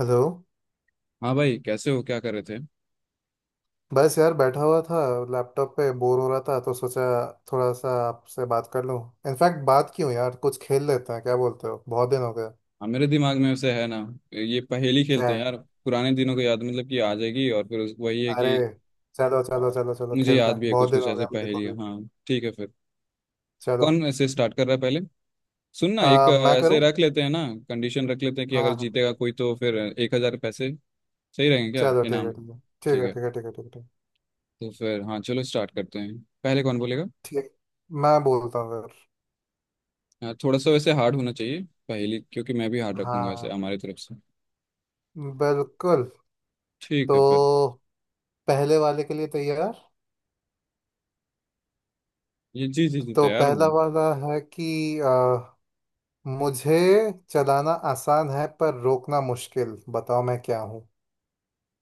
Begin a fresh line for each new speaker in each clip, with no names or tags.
Hello.
हाँ भाई, कैसे हो? क्या कर रहे थे?
बस यार बैठा हुआ था। लैपटॉप पे बोर हो रहा था तो सोचा थोड़ा सा आपसे बात कर लूं। इनफैक्ट बात क्यों यार, कुछ खेल लेते हैं, क्या बोलते हो? बहुत दिन हो गया।
हाँ, मेरे दिमाग में वैसे है ना, ये पहेली
क्या
खेलते हैं
है?
यार। पुराने दिनों को याद, मतलब कि आ जाएगी। और फिर वही है
अरे
कि।
चलो चलो
और
चलो चलो,
मुझे
खेलते
याद
हैं।
भी है
बहुत
कुछ
दिन
कुछ
हो
ऐसे
गया मुझे को
पहेली।
भी।
हाँ, ठीक है फिर।
चलो।
कौन ऐसे स्टार्ट कर रहा है पहले? सुनना एक
मैं
ऐसे
करूँ?
रख लेते हैं ना, कंडीशन रख लेते हैं कि
हाँ
अगर
हाँ,
जीतेगा कोई तो फिर 1000 पैसे सही रहेंगे? क्या
चलो ठीक है,
इनाम?
ठीक है, ठीक
ठीक
है,
है
ठीक है, ठीक है, ठीक है,
तो फिर। हाँ चलो, स्टार्ट करते हैं। पहले कौन बोलेगा?
ठीक है, ठीक, मैं बोलता हूँ फिर।
हाँ, थोड़ा सा वैसे हार्ड होना चाहिए पहेली, क्योंकि मैं भी हार्ड रखूंगा
हाँ,
वैसे हमारी तरफ से।
बिल्कुल।
ठीक है फिर।
तो पहले वाले के लिए तैयार?
ये जी जी जी,
तो
तैयार
पहला
हूँ।
वाला है कि मुझे, चलाना आसान है पर रोकना मुश्किल, बताओ मैं क्या हूँ?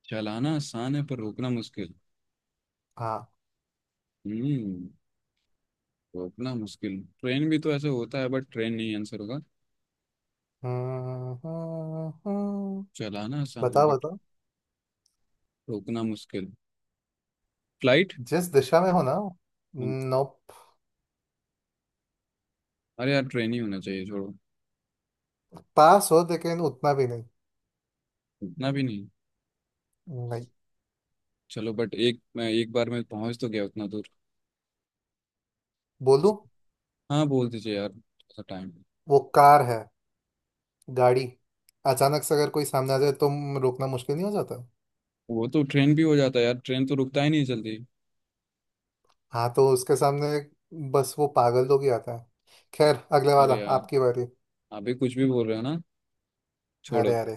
चलाना आसान है पर रोकना मुश्किल।
हाँ।
हम्म। रोकना मुश्किल? ट्रेन भी तो ऐसे होता है, बट ट्रेन नहीं आंसर होगा।
हम्म, हम्म, हम्म।
चलाना आसान है
बताओ
बट
बताओ।
रोकना मुश्किल। फ्लाइट?
जिस दिशा में हो ना। नो।
अरे यार, ट्रेन ही होना चाहिए, छोड़ो।
पास हो, लेकिन उतना भी नहीं।
इतना भी नहीं?
नहीं।
चलो, बट एक मैं एक बार में पहुंच तो गया उतना दूर।
बोलूं?
हाँ, बोल दीजिए यार, थोड़ा टाइम।
वो कार है, गाड़ी। अचानक से अगर कोई सामने आ जाए तो रोकना मुश्किल नहीं हो जाता?
वो तो ट्रेन भी हो जाता है यार, ट्रेन तो रुकता ही नहीं जल्दी।
हाँ तो उसके सामने बस वो पागल लोग ही आता है। खैर, अगले वाला,
अरे यार,
आपकी बारी।
आप भी कुछ भी बोल रहे हो ना, छोड़ो।
अरे अरे।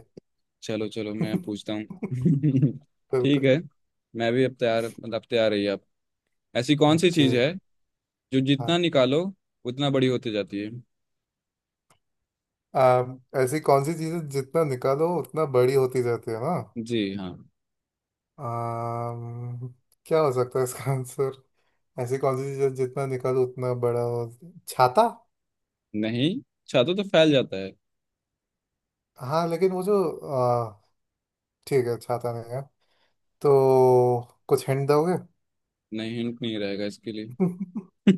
चलो चलो, मैं पूछता हूँ। ठीक
बिल्कुल।
है। मैं भी अब तैयार, मतलब अब तैयार रही आप। ऐसी कौन सी चीज है
जी।
जो
हाँ।
जितना निकालो उतना बड़ी होती जाती है?
ऐसी कौन सी चीजें जितना निकालो उतना बड़ी होती जाती है ना?
जी हाँ।
आम, क्या हो सकता है इसका आंसर? ऐसी कौन सी चीजें जितना निकालो उतना बड़ा हो? छाता?
नहीं, छातु तो फैल जाता है।
हाँ लेकिन वो जो आ, ठीक है, छाता नहीं है तो कुछ हिंट दोगे?
नहीं, हिंट नहीं रहेगा इसके लिए।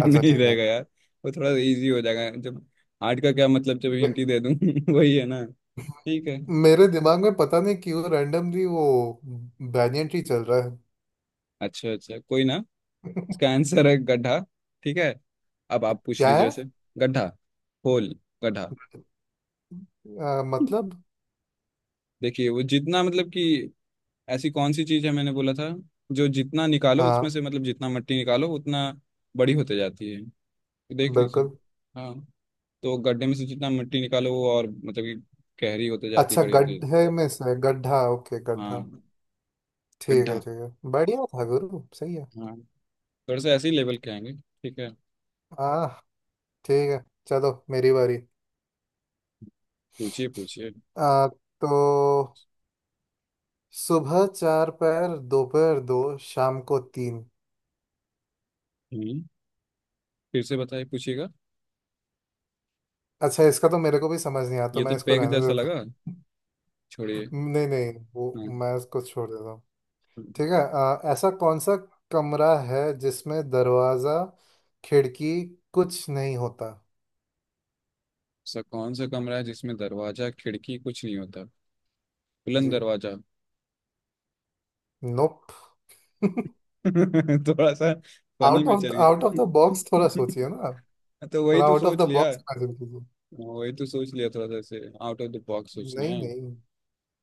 अच्छा
नहीं
ठीक है।
रहेगा यार। वो थोड़ा इजी हो जाएगा जब आर्ट का क्या मतलब जब
मे-
हिंट ही दे दूं? वही है ना। ठीक है।
मेरे दिमाग में पता नहीं क्यों रैंडमली वो बैंyan ट्री चल रहा है।
अच्छा अच्छा, कोई ना। इसका आंसर है गड्ढा। ठीक है, अब आप पूछ
क्या
लीजिए
है?
उसे। गड्ढा। होल। गड्ढा।
मतलब।
देखिए वो जितना, मतलब कि ऐसी कौन सी चीज है मैंने बोला था जो जितना निकालो उसमें
हाँ,
से, मतलब जितना मट्टी निकालो उतना बड़ी होते जाती है। देख ली उसने।
बिल्कुल।
हाँ, तो गड्ढे में से जितना मिट्टी निकालो वो और, मतलब कि गहरी होते जाती है,
अच्छा,
बड़ी होती है।
गड्ढे में से गड्ढा। ओके गड्ढा।
हाँ।
ठीक है
गड्ढा।
ठीक है, बढ़िया था गुरु, सही है।
हाँ। थोड़ा सा ऐसे ही लेवल के आएंगे, ठीक है।
हाँ ठीक है। चलो, मेरी बारी।
पूछिए पूछिए।
आ, तो सुबह चार पैर, दोपहर दो, शाम को तीन।
हम्म। फिर से बताइए, पूछिएगा।
अच्छा इसका तो मेरे को भी समझ नहीं आता, तो
ये
मैं
तो
इसको
पैग
रहने
जैसा
देता
लगा,
हूँ।
छोड़िए।
नहीं नहीं, वो
हाँ,
मैं इसको छोड़ देता हूँ। ठीक है। ऐसा कौन सा कमरा है जिसमें दरवाजा खिड़की कुछ नहीं होता?
सा कौन सा कमरा है जिसमें दरवाजा खिड़की कुछ नहीं होता? बुलंद
जी,
दरवाजा?
नोप।
थोड़ा सा फनी में चलिए।
आउट ऑफ द बॉक्स थोड़ा सोचिए ना आप।
तो वही
थोड़ा
तो
आउट ऑफ
सोच
द
लिया
बॉक्स
हाँ।
इमेजिन कीजिए।
वही तो सोच लिया, थोड़ा सा ऐसे आउट ऑफ द बॉक्स सोचना
नहीं
है।
नहीं।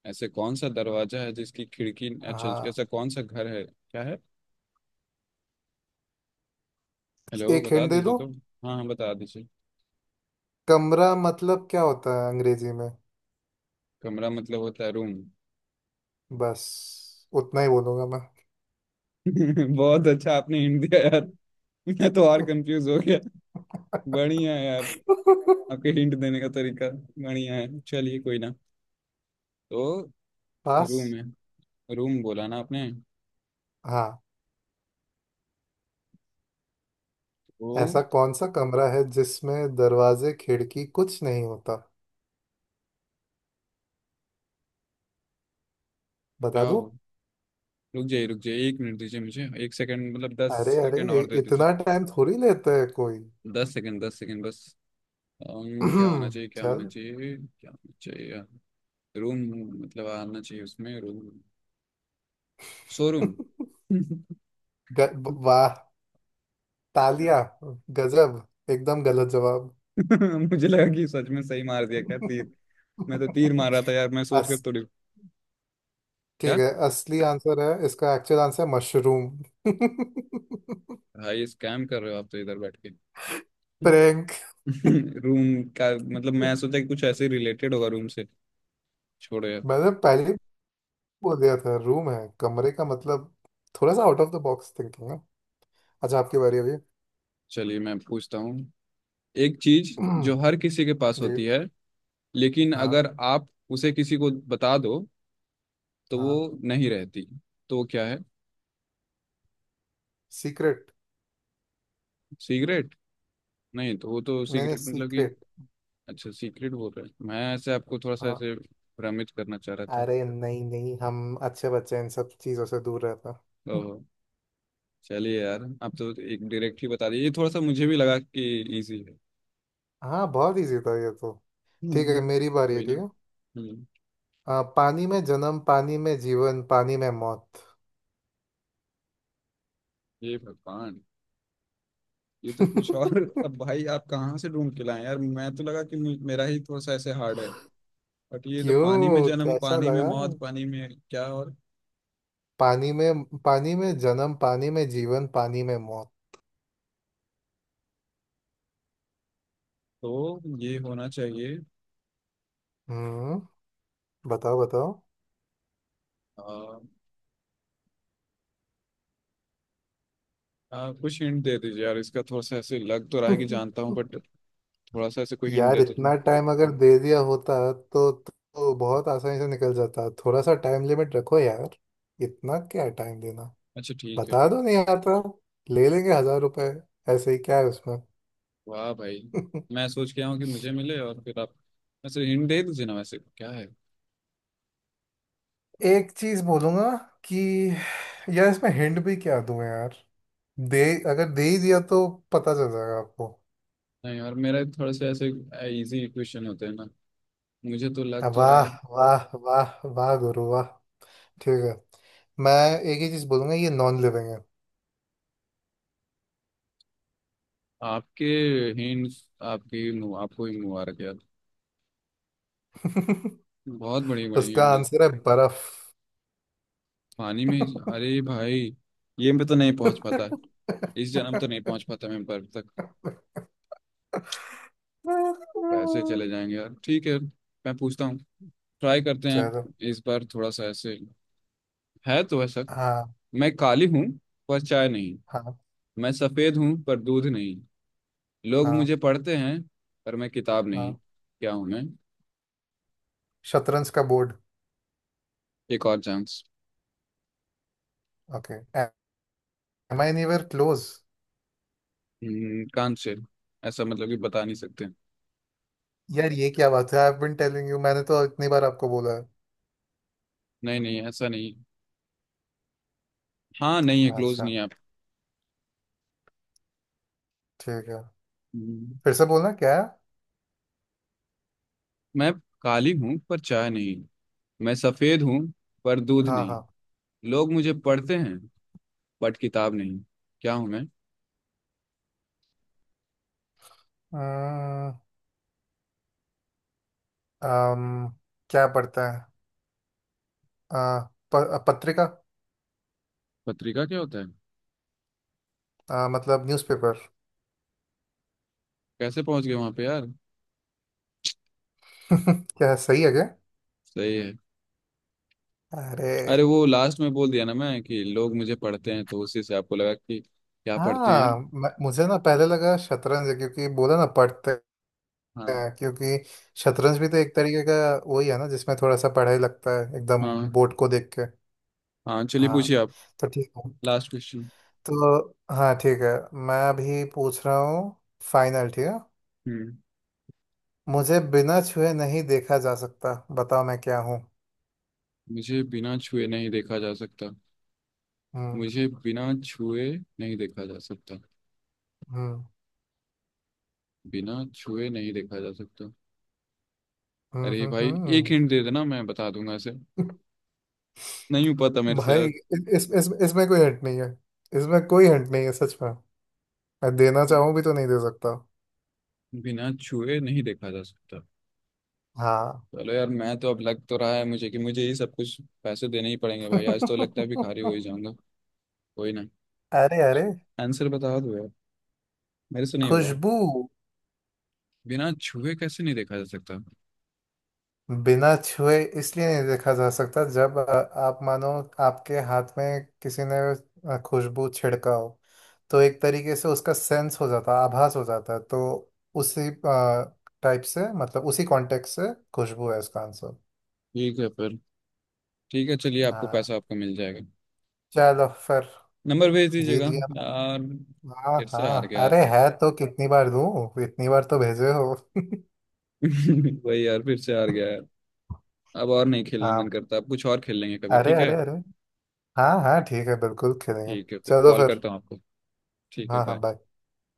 ऐसे कौन सा दरवाजा है जिसकी खिड़की? अच्छा,
हाँ,
ऐसा कौन सा घर है? क्या है? हेलो,
एक
बता
हिंट दे
दीजिए
दो।
तो। हाँ हाँ, बता दीजिए।
कमरा मतलब क्या होता है अंग्रेजी में?
कमरा मतलब होता है रूम।
बस उतना ही बोलूंगा मैं।
बहुत अच्छा आपने हिंट दिया यार। मैं तो और कंफ्यूज हो गया। बढ़िया है यार। आपके हिंट देने का तरीका बढ़िया है, चलिए कोई ना। तो
पास।
रूम है। रूम बोला ना आपने।
हाँ,
तो
ऐसा कौन सा कमरा है जिसमें दरवाजे खिड़की कुछ नहीं होता?
क्या
बता दूं?
हो? रुक जाइए रुक जाइए, एक मिनट दीजिए मुझे। एक सेकंड, मतलब दस
अरे अरे,
सेकंड और दे दीजिए।
इतना टाइम थोड़ी लेता है कोई।
10 सेकंड 10 सेकंड बस। क्या होना चाहिए, क्या होना
चल।
चाहिए, क्या होना चाहिए? रूम मतलब आना चाहिए उसमें रूम। शोरूम।
वाह! तालिया, गजब! एकदम गलत जवाब।
मुझे लगा कि सच में सही मार दिया क्या तीर। मैं तो तीर मार रहा था यार, मैं सोच कर
बस,
थोड़ी।
ठीक
क्या?
है। असली आंसर है इसका, एक्चुअल आंसर है मशरूम।
भाई स्कैम कर रहे हो आप तो इधर बैठ के।
प्रैंक।
रूम का मतलब, मैं सोचा कि कुछ ऐसे रिलेटेड होगा रूम से। छोड़ो यार।
मैंने पहले ही बोल दिया था रूम है कमरे का मतलब, थोड़ा सा out of the box thinking है। अच्छा, आपकी बारी अभी।
चलिए मैं पूछता हूँ। एक चीज जो हर किसी के पास
जी।
होती है, लेकिन
हाँ।
अगर आप उसे किसी को बता दो तो वो
हाँ,
नहीं रहती, तो वो क्या है?
सीक्रेट।
सिगरेट? नहीं, तो वो तो
नहीं नहीं,
सिगरेट मतलब कि
सीक्रेट।
अच्छा सीक्रेट बोल रहे हैं, मैं ऐसे आपको थोड़ा सा
हाँ।
ऐसे भ्रमित करना चाह रहा था।
अरे नहीं नहीं, हम अच्छे बच्चे हैं, इन सब चीज़ों से दूर रहता।
ओह, चलिए यार, आप तो एक डायरेक्ट ही बता दिए। ये थोड़ा सा मुझे भी लगा कि इजी है।
हाँ बहुत इजी था ये तो। ठीक है,
हम्म।
मेरी बारी है,
कोई ना।
ठीक है।
हम्म।
पानी में जन्म, पानी में जीवन, पानी में मौत।
ये भगवान। ये तो कुछ और। अब भाई, आप कहाँ से ढूंढ के लाए यार? मैं तो लगा कि मेरा ही थोड़ा सा ऐसे हार्ड है। बट ये तो पानी में
क्यों,
जन्म,
कैसा
पानी में
लगा?
मौत, पानी में क्या और?
पानी में जन्म, पानी में जीवन, पानी में मौत।
तो ये होना चाहिए।
हम्म, बताओ बताओ।
आ, आ, कुछ हिंट दे दीजिए यार इसका। थोड़ा सा ऐसे लग तो रहा है कि जानता हूँ, बट थोड़ा सा ऐसे कोई हिंट
यार
दे दीजिए।
इतना टाइम अगर दे दिया होता तो बहुत आसानी से निकल जाता। थोड़ा सा टाइम लिमिट रखो यार, इतना क्या टाइम देना?
अच्छा ठीक है
बता
फिर।
दो नहीं आता, ले लेंगे 1000 रुपए ऐसे ही, क्या है उसमें?
वाह भाई, मैं सोच के आया हूँ कि मुझे मिले और फिर आप। वैसे हिंट दे दीजिए ना, वैसे क्या है?
एक चीज बोलूंगा कि यार, इसमें हिंट भी क्या दूं यार? दे अगर दे ही दिया तो पता चल जाएगा आपको।
नहीं, और मेरा थोड़े से ऐसे इजी क्वेश्चन होते हैं ना, मुझे तो लग तो रहा
वाह
है।
वाह वाह वाह गुरु, वाह! ठीक है। मैं एक ही चीज बोलूंगा, ये नॉन लिविंग है।
आपके हिंट, आपकी आपको ही मुबारक यार। बहुत बड़ी बड़ी
उसका
हिंट।
आंसर है बर्फ।
पानी में अरे भाई, ये मैं तो नहीं पहुंच पाता। इस जन्म तो नहीं पहुंच पाता मैं बर्फ तक। पैसे चले जाएंगे यार। ठीक है, मैं पूछता हूँ, ट्राई करते हैं।
चलो।
इस बार थोड़ा सा ऐसे है तो वैसा।
हाँ।
मैं काली हूँ पर चाय नहीं।
हाँ।
मैं सफेद हूँ पर दूध नहीं। लोग
हाँ।
मुझे पढ़ते हैं पर मैं किताब नहीं।
हाँ,
क्या हूँ मैं?
शतरंज का बोर्ड।
एक और chance.
Okay, am I anywhere close?
कान से? ऐसा मतलब कि बता नहीं सकते।
यार ये क्या बात है, I have been telling you, मैंने तो इतनी बार आपको बोला है।
नहीं नहीं, ऐसा नहीं। हाँ, नहीं है, क्लोज
अच्छा
नहीं है आप।
ठीक है।
हम्म,
फिर से बोलना क्या है?
मैं काली हूँ पर चाय नहीं। मैं सफेद हूँ पर दूध
हाँ
नहीं।
हाँ।
लोग मुझे पढ़ते हैं बट किताब नहीं। क्या हूँ मैं?
अम्म, अम्म, क्या पड़ता है? आ, पत्रिका।
पत्रिका क्या होता है?
मतलब न्यूज़पेपर।
कैसे पहुंच गए वहां पे यार!
क्या, सही है क्या?
सही है।
अरे!
अरे वो लास्ट में बोल दिया ना मैं कि लोग मुझे पढ़ते हैं, तो उसी से आपको लगा कि क्या पढ़ते हैं यार।
हाँ, मुझे ना पहले लगा शतरंज है क्योंकि बोला ना पढ़ते
हाँ।
हैं क्योंकि शतरंज भी तो एक तरीके का वही है ना जिसमें थोड़ा सा पढ़ाई लगता है एकदम
हाँ
बोर्ड को देख के।
हाँ, चलिए
हाँ,
पूछिए आप।
तो ठीक है।
Last question.
तो हाँ ठीक है, मैं अभी पूछ रहा हूँ, फाइनल, ठीक है।
हम्म।
मुझे बिना छुए नहीं देखा जा सकता, बताओ मैं क्या हूँ?
मुझे बिना छुए नहीं देखा जा सकता?
हम्म।
मुझे बिना छुए नहीं देखा जा सकता।
हम्म।
बिना छुए नहीं देखा जा सकता।
हम्म।
अरे
हम्म।
भाई, एक
हम्म।
हिंट दे देना, मैं बता दूंगा इसे। नहीं पता मेरे से
भाई,
यार।
इसमें कोई हट नहीं है। इसमें कोई हट नहीं है सच में, मैं देना चाहूं भी तो नहीं दे सकता।
बिना छुए नहीं देखा जा सकता।
हाँ।
चलो यार, मैं तो अब लग तो रहा है मुझे कि मुझे ये सब कुछ पैसे देने ही पड़ेंगे भाई। आज तो लगता है भिखारी हो ही जाऊंगा। कोई ना,
अरे अरे,
आंसर बता दो यार, मेरे से नहीं होगा।
खुशबू।
बिना छुए कैसे नहीं देखा जा सकता?
बिना छुए इसलिए नहीं देखा जा सकता जब आप मानो आपके हाथ में किसी ने खुशबू छिड़का हो। तो एक तरीके से उसका सेंस हो जाता है, आभास हो जाता है, तो उसी टाइप से, मतलब उसी कॉन्टेक्स्ट से खुशबू है इसका आंसर।
ठीक है फिर, ठीक है चलिए, आपको
हाँ,
पैसा आपका मिल जाएगा।
चलो फिर,
नंबर भेज
जीत
दीजिएगा।
गया।
यार,
हाँ
फिर से
हाँ,
हार गया यार।
अरे है तो, कितनी बार दूं? इतनी बार तो भेजे हो।
वही यार, फिर से हार गया यार। अब और नहीं खेलने मन
हाँ।
करता, अब कुछ और खेल लेंगे कभी,
अरे
ठीक
अरे
है।
अरे, हाँ हाँ, ठीक है बिल्कुल खेलेंगे।
ठीक है फिर,
चलो
कॉल
फिर।
करता हूँ आपको। ठीक है,
हाँ हाँ,
बाय।
बाय।